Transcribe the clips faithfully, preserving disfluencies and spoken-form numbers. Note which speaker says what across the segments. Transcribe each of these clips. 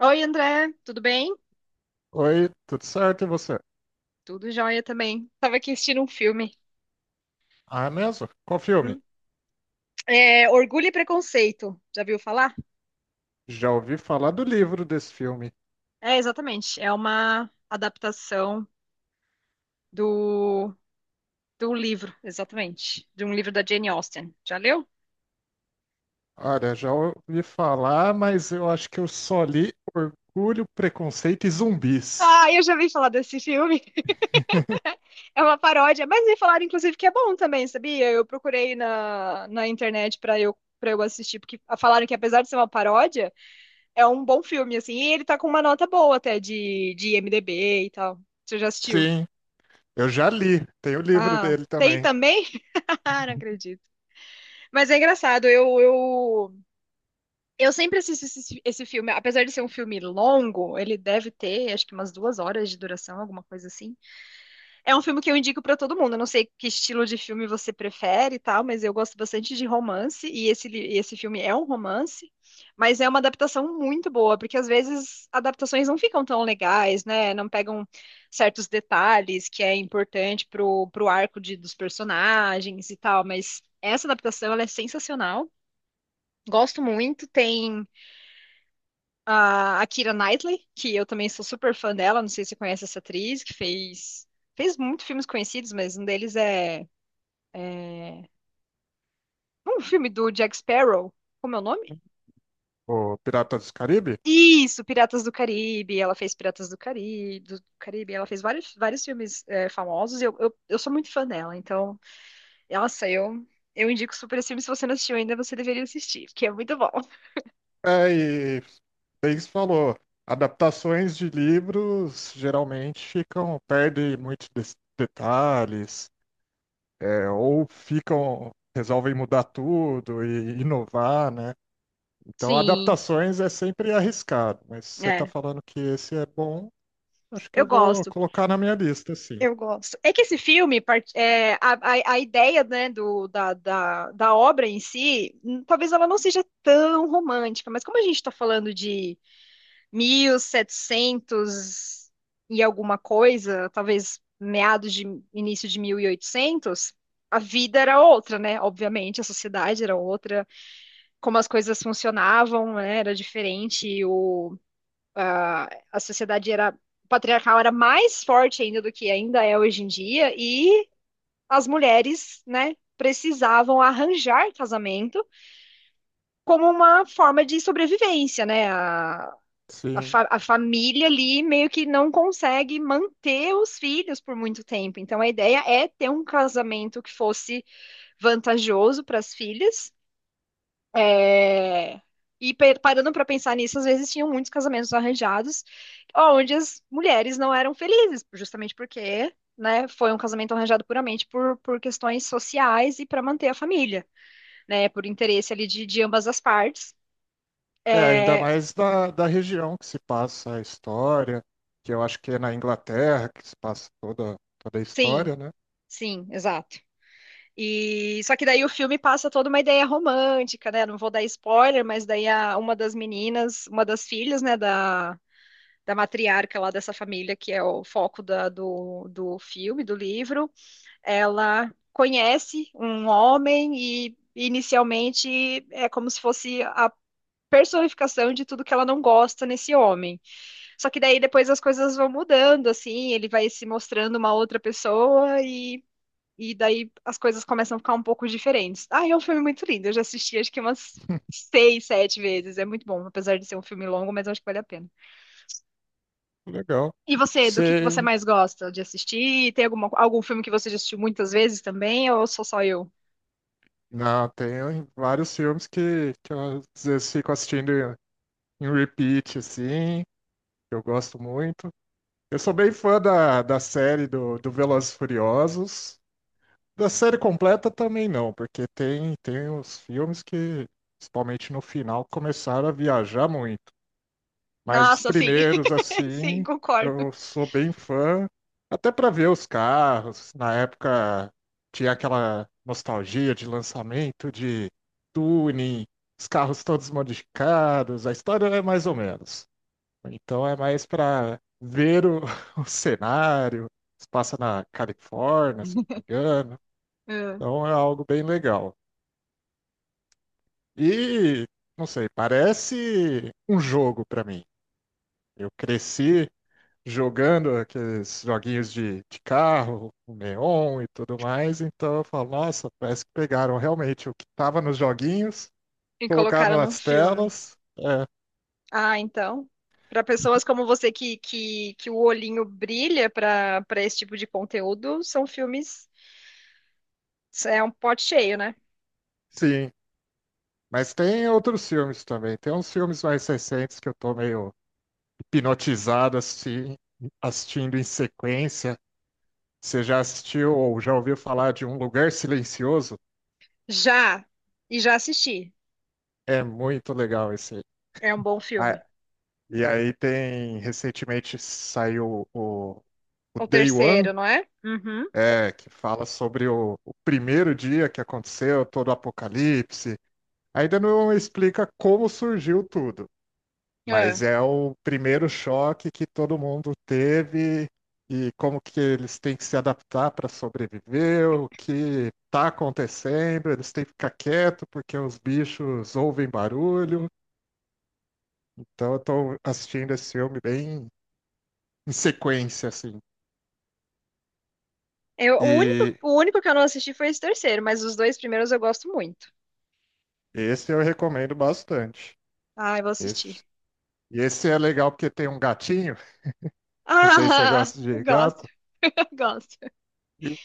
Speaker 1: Oi, André, tudo bem?
Speaker 2: Oi, tudo certo e você?
Speaker 1: Tudo jóia também. Tava aqui assistindo um filme.
Speaker 2: Ah, é mesmo? Qual filme?
Speaker 1: Hum. É, Orgulho e Preconceito. Já viu falar?
Speaker 2: Já ouvi falar do livro desse filme.
Speaker 1: É, exatamente. É uma adaptação do, do livro, exatamente. De um livro da Jane Austen. Já leu?
Speaker 2: Olha, já ouvi falar, mas eu acho que eu só li Orgulho, Preconceito e Zumbis.
Speaker 1: Ah, eu já vi falar desse filme. É uma paródia, mas me falaram, inclusive, que é bom também, sabia? Eu procurei na, na internet para eu, para eu assistir, porque falaram que apesar de ser uma paródia. É um bom filme, assim. E ele tá com uma nota boa até de, de IMDb e tal. Você já assistiu?
Speaker 2: Sim, eu já li. Tem o livro
Speaker 1: Ah,
Speaker 2: dele
Speaker 1: tem
Speaker 2: também,
Speaker 1: também? Ah, não acredito. Mas é engraçado, eu, eu, eu sempre assisto esse, esse filme. Apesar de ser um filme longo, ele deve ter, acho que umas duas horas de duração, alguma coisa assim. É um filme que eu indico pra todo mundo. Eu não sei que estilo de filme você prefere e tal, mas eu gosto bastante de romance e esse, li- e esse filme é um romance, mas é uma adaptação muito boa, porque às vezes adaptações não ficam tão legais, né? Não pegam certos detalhes que é importante pro, pro arco de, dos personagens e tal, mas essa adaptação ela é sensacional. Gosto muito, tem a a Keira Knightley, que eu também sou super fã dela, não sei se você conhece essa atriz, que fez, fez muitos filmes conhecidos, mas um deles é, é um filme do Jack Sparrow, como é o nome?
Speaker 2: o Piratas do Caribe.
Speaker 1: Isso, Piratas do Caribe, ela fez Piratas do Caribe, do Caribe, ela fez vários, vários filmes é, famosos, e eu, eu, eu sou muito fã dela, então, nossa, eu, eu indico super esse filme, se você não assistiu ainda, você deveria assistir, porque é muito bom.
Speaker 2: É, e Biggs falou, adaptações de livros geralmente ficam, perdem muitos des- detalhes. É, ou ficam, resolvem mudar tudo e inovar, né? Então,
Speaker 1: Sim,
Speaker 2: adaptações é sempre arriscado, mas se você está
Speaker 1: é,
Speaker 2: falando que esse é bom, acho que
Speaker 1: eu
Speaker 2: eu vou
Speaker 1: gosto.
Speaker 2: colocar na minha lista, sim.
Speaker 1: Eu gosto. É que esse filme, part- é, a, a, a ideia, né, do, da, da, da obra em si, hum, talvez ela não seja tão romântica, mas como a gente está falando de mil e setecentos e setecentos e alguma coisa, talvez meados de início de mil e oitocentos, a vida era outra, né? Obviamente, a sociedade era outra, como as coisas funcionavam, né, era diferente, o a, a sociedade era patriarcal era mais forte ainda do que ainda é hoje em dia e as mulheres, né, precisavam arranjar casamento como uma forma de sobrevivência, né? A, a,
Speaker 2: Sim.
Speaker 1: fa a família ali meio que não consegue manter os filhos por muito tempo. Então a ideia é ter um casamento que fosse vantajoso para as filhas. É, E pe- parando para pensar nisso, às vezes tinham muitos casamentos arranjados, onde as mulheres não eram felizes, justamente porque, né, foi um casamento arranjado puramente por, por questões sociais e para manter a família, né, por interesse ali de, de ambas as partes.
Speaker 2: É, ainda
Speaker 1: É,
Speaker 2: mais da, da região que se passa a história, que eu acho que é na Inglaterra que se passa toda, toda a
Speaker 1: sim,
Speaker 2: história, né?
Speaker 1: sim, exato. E só que daí o filme passa toda uma ideia romântica, né? Não vou dar spoiler, mas daí a, uma das meninas, uma das filhas, né, da da matriarca lá dessa família, que é o foco da- do, do filme, do livro, ela conhece um homem e inicialmente é como se fosse a personificação de tudo que ela não gosta nesse homem. Só que daí depois as coisas vão mudando, assim, ele vai se mostrando uma outra pessoa e, e daí as coisas começam a ficar um pouco diferentes. Ah, é um filme muito lindo, eu já assisti acho que umas seis, sete vezes, é muito bom, apesar de ser um filme longo, mas eu acho que vale a pena.
Speaker 2: Legal.
Speaker 1: E você, do que que você
Speaker 2: Sei.
Speaker 1: mais gosta de assistir? Tem alguma, algum filme que você já assistiu muitas vezes também, ou sou só eu?
Speaker 2: Não, tem vários filmes que, que eu às vezes fico assistindo em repeat, assim, que eu gosto muito. Eu sou bem fã da, da série do, do Velozes e Furiosos. Da série completa também não, porque tem, tem os filmes que, principalmente no final, começaram a viajar muito. Mas os
Speaker 1: Nossa, sim.
Speaker 2: primeiros,
Speaker 1: Sim,
Speaker 2: assim,
Speaker 1: concordo.
Speaker 2: eu sou bem fã, até para ver os carros. Na época tinha aquela nostalgia de lançamento, de tuning, os carros todos modificados. A história é mais ou menos. Então é mais para ver o, o cenário. Se passa na Califórnia, se não me engano.
Speaker 1: É.
Speaker 2: Então é algo bem legal. E, não sei, parece um jogo para mim. Eu cresci jogando aqueles joguinhos de, de carro, o Neon e tudo mais. Então eu falo, nossa, parece que pegaram realmente o que estava nos joguinhos,
Speaker 1: E colocaram
Speaker 2: colocaram
Speaker 1: num
Speaker 2: nas
Speaker 1: filme.
Speaker 2: telas. É,
Speaker 1: Ah, então. Para pessoas como você que, que, que o olhinho brilha para para esse tipo de conteúdo, são filmes. É um pote cheio, né?
Speaker 2: sim. Mas tem outros filmes também. Tem uns filmes mais recentes que eu tô meio hipnotizado assisti- assistindo em sequência. Você já assistiu ou já ouviu falar de Um Lugar Silencioso?
Speaker 1: Já. E já assisti.
Speaker 2: É muito legal esse. Aí.
Speaker 1: É um bom filme.
Speaker 2: Ah, e aí tem, recentemente saiu o, o
Speaker 1: O
Speaker 2: Day One,
Speaker 1: terceiro, não é? Uhum.
Speaker 2: é, que fala sobre o, o primeiro dia que aconteceu todo o apocalipse. Ainda não explica como surgiu tudo,
Speaker 1: É.
Speaker 2: mas é o primeiro choque que todo mundo teve e como que eles têm que se adaptar para sobreviver, o que está acontecendo, eles têm que ficar quieto porque os bichos ouvem barulho. Então eu estou assistindo esse filme bem em sequência, assim.
Speaker 1: Eu, o único,
Speaker 2: E
Speaker 1: o único que eu não assisti foi esse terceiro, mas os dois primeiros eu gosto muito.
Speaker 2: esse eu recomendo bastante.
Speaker 1: Ah, eu vou assistir.
Speaker 2: Esse, e esse é legal porque tem um gatinho, não sei se você
Speaker 1: Ah,
Speaker 2: gosta
Speaker 1: eu
Speaker 2: de
Speaker 1: gosto,
Speaker 2: gato,
Speaker 1: eu gosto.
Speaker 2: e,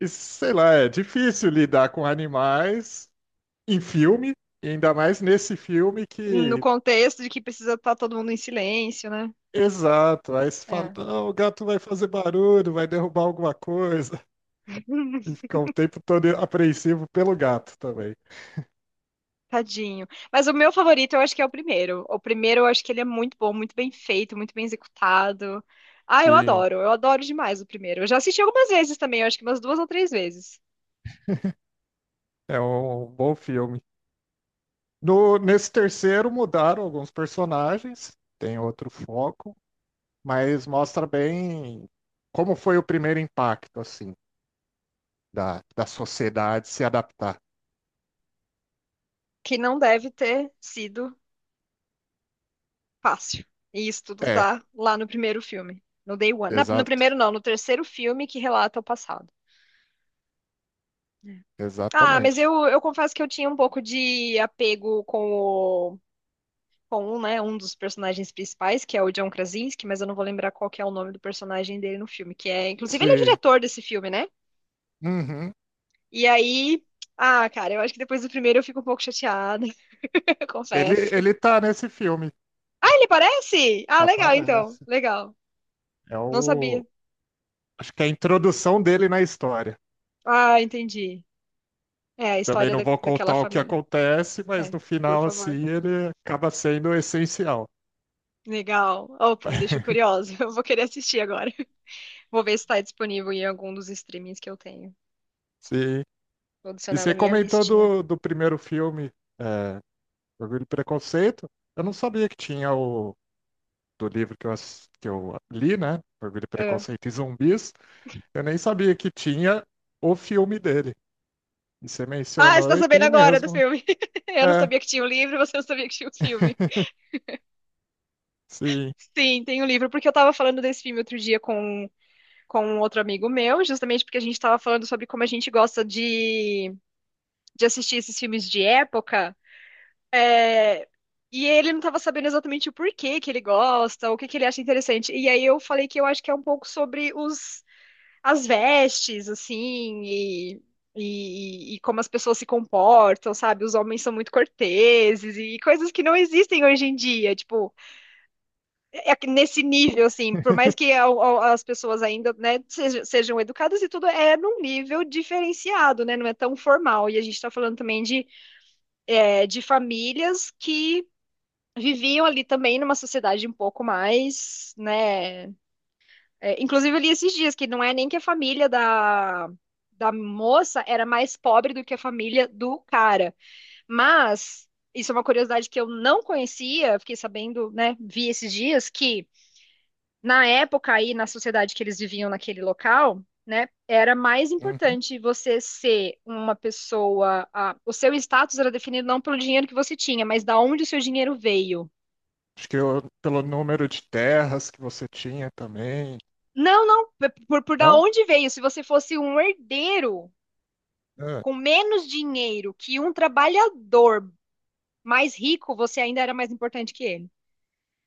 Speaker 2: e sei lá, é difícil lidar com animais em filme, e ainda mais nesse filme
Speaker 1: No
Speaker 2: que.
Speaker 1: contexto de que precisa estar todo mundo em silêncio, né?
Speaker 2: Exato, aí se fala,
Speaker 1: É.
Speaker 2: não, o gato vai fazer barulho, vai derrubar alguma coisa, e fica o tempo todo apreensivo pelo gato também.
Speaker 1: Tadinho. Mas o meu favorito eu acho que é o primeiro. O primeiro eu acho que ele é muito bom, muito bem feito, muito bem executado. Ah, eu
Speaker 2: Sim,
Speaker 1: adoro, eu adoro demais o primeiro. Eu já assisti algumas vezes também, eu acho que umas duas ou três vezes.
Speaker 2: é um bom filme. No, nesse terceiro mudaram alguns personagens, tem outro foco, mas mostra bem como foi o primeiro impacto, assim, da, da sociedade se adaptar.
Speaker 1: Que não deve ter sido fácil. E isso tudo
Speaker 2: É,
Speaker 1: tá lá no primeiro filme. No Day One. Na- no
Speaker 2: exato,
Speaker 1: primeiro, não, no terceiro filme que relata o passado. Ah, mas
Speaker 2: exatamente.
Speaker 1: eu, eu confesso que eu tinha um pouco de apego com o. Com um, né, um dos personagens principais, que é o John Krasinski, mas eu não vou lembrar qual que é o nome do personagem dele no filme, que é, inclusive, ele é o
Speaker 2: Sim,
Speaker 1: diretor desse filme, né?
Speaker 2: uhum.
Speaker 1: E aí, ah, cara, eu acho que depois do primeiro eu fico um pouco chateada, eu
Speaker 2: Ele,
Speaker 1: confesso.
Speaker 2: ele tá nesse filme,
Speaker 1: Ah, ele parece? Ah, legal, então,
Speaker 2: aparece.
Speaker 1: legal.
Speaker 2: É
Speaker 1: Não
Speaker 2: o.
Speaker 1: sabia.
Speaker 2: Acho que é a introdução dele na história.
Speaker 1: Ah, entendi. É a
Speaker 2: Também
Speaker 1: história
Speaker 2: não
Speaker 1: da,
Speaker 2: vou
Speaker 1: daquela
Speaker 2: contar o que
Speaker 1: família.
Speaker 2: acontece, mas
Speaker 1: É,
Speaker 2: no
Speaker 1: por
Speaker 2: final,
Speaker 1: favor.
Speaker 2: assim, ele acaba sendo essencial.
Speaker 1: Legal. Opa, me deixou curiosa. Eu vou querer assistir agora. Vou ver se está disponível em algum dos streamings que eu tenho.
Speaker 2: Sim.
Speaker 1: Vou
Speaker 2: E
Speaker 1: adicionar
Speaker 2: você
Speaker 1: na minha
Speaker 2: comentou
Speaker 1: listinha.
Speaker 2: do, do primeiro filme, é, Orgulho e Preconceito. Eu não sabia que tinha o do livro que eu, ass- que eu li, né? Orgulho, e
Speaker 1: Ah,
Speaker 2: Preconceito e Zumbis. Eu nem sabia que tinha o filme dele. E você
Speaker 1: Ah, você está
Speaker 2: mencionou e
Speaker 1: sabendo
Speaker 2: tem
Speaker 1: agora do
Speaker 2: mesmo.
Speaker 1: filme. Eu não
Speaker 2: É,
Speaker 1: sabia que tinha um livro, você não sabia que tinha um filme.
Speaker 2: sim.
Speaker 1: Sim, tem o um livro, porque eu estava falando desse filme outro dia com, com um outro amigo meu, justamente porque a gente estava falando sobre como a gente gosta de, de assistir esses filmes de época. E ele não estava sabendo exatamente o porquê que ele gosta, o que que ele acha interessante. E aí eu falei que eu acho que é um pouco sobre os, as vestes, assim, e, e, e como as pessoas se comportam, sabe? Os homens são muito corteses e coisas que não existem hoje em dia, tipo, é que nesse nível, assim, por mais que a- a- as pessoas ainda, né, sejam, sejam educadas e tudo, é num nível diferenciado, né? Não é tão formal. E a gente está falando também de é, de famílias que viviam ali também numa sociedade um pouco mais, né? É, inclusive eu li esses dias que não é nem que a família da, da moça era mais pobre do que a família do cara, mas isso é uma curiosidade que eu não conhecia, fiquei sabendo, né? Vi esses dias que na época aí na sociedade que eles viviam naquele local né, era mais
Speaker 2: Uhum.
Speaker 1: importante você ser uma pessoa. A- o seu status era definido não pelo dinheiro que você tinha, mas da onde o seu dinheiro veio.
Speaker 2: Acho que eu- pelo número de terras que você tinha também.
Speaker 1: Não, não, p- por, por da
Speaker 2: Não?
Speaker 1: onde veio? Se você fosse um herdeiro
Speaker 2: Ah,
Speaker 1: com menos dinheiro que um trabalhador mais rico, você ainda era mais importante que ele.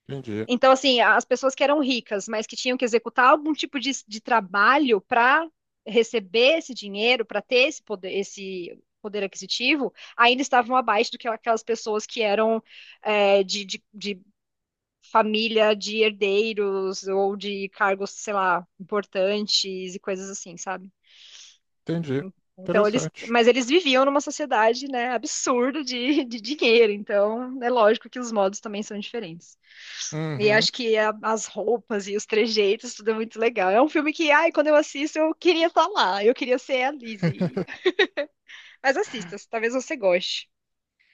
Speaker 2: entendi.
Speaker 1: Então, assim, as pessoas que eram ricas, mas que tinham que executar algum tipo de, de trabalho para receber esse dinheiro, para ter esse poder, esse poder aquisitivo, ainda estavam abaixo do que aquelas pessoas que eram é, de, de de família de herdeiros ou de cargos, sei lá, importantes e coisas assim, sabe?
Speaker 2: Entendi.
Speaker 1: Então eles,
Speaker 2: Interessante.
Speaker 1: mas eles viviam numa sociedade, né, absurda de, de dinheiro, então é lógico que os modos também são diferentes. E
Speaker 2: Uhum.
Speaker 1: acho que a- as roupas e os trejeitos, tudo é muito legal. É um filme que, ai, quando eu assisto, eu queria estar lá, eu queria ser a Lizzie. Mas assista, talvez você goste.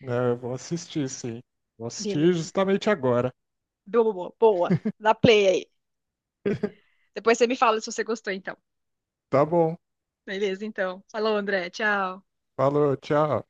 Speaker 2: É, eu vou assistir, sim. Vou assistir
Speaker 1: Beleza.
Speaker 2: justamente agora.
Speaker 1: Boa, boa, boa. Dá play aí. Depois você me fala se você gostou, então.
Speaker 2: Tá bom.
Speaker 1: Beleza, então. Falou, André. Tchau.
Speaker 2: Falou, tchau.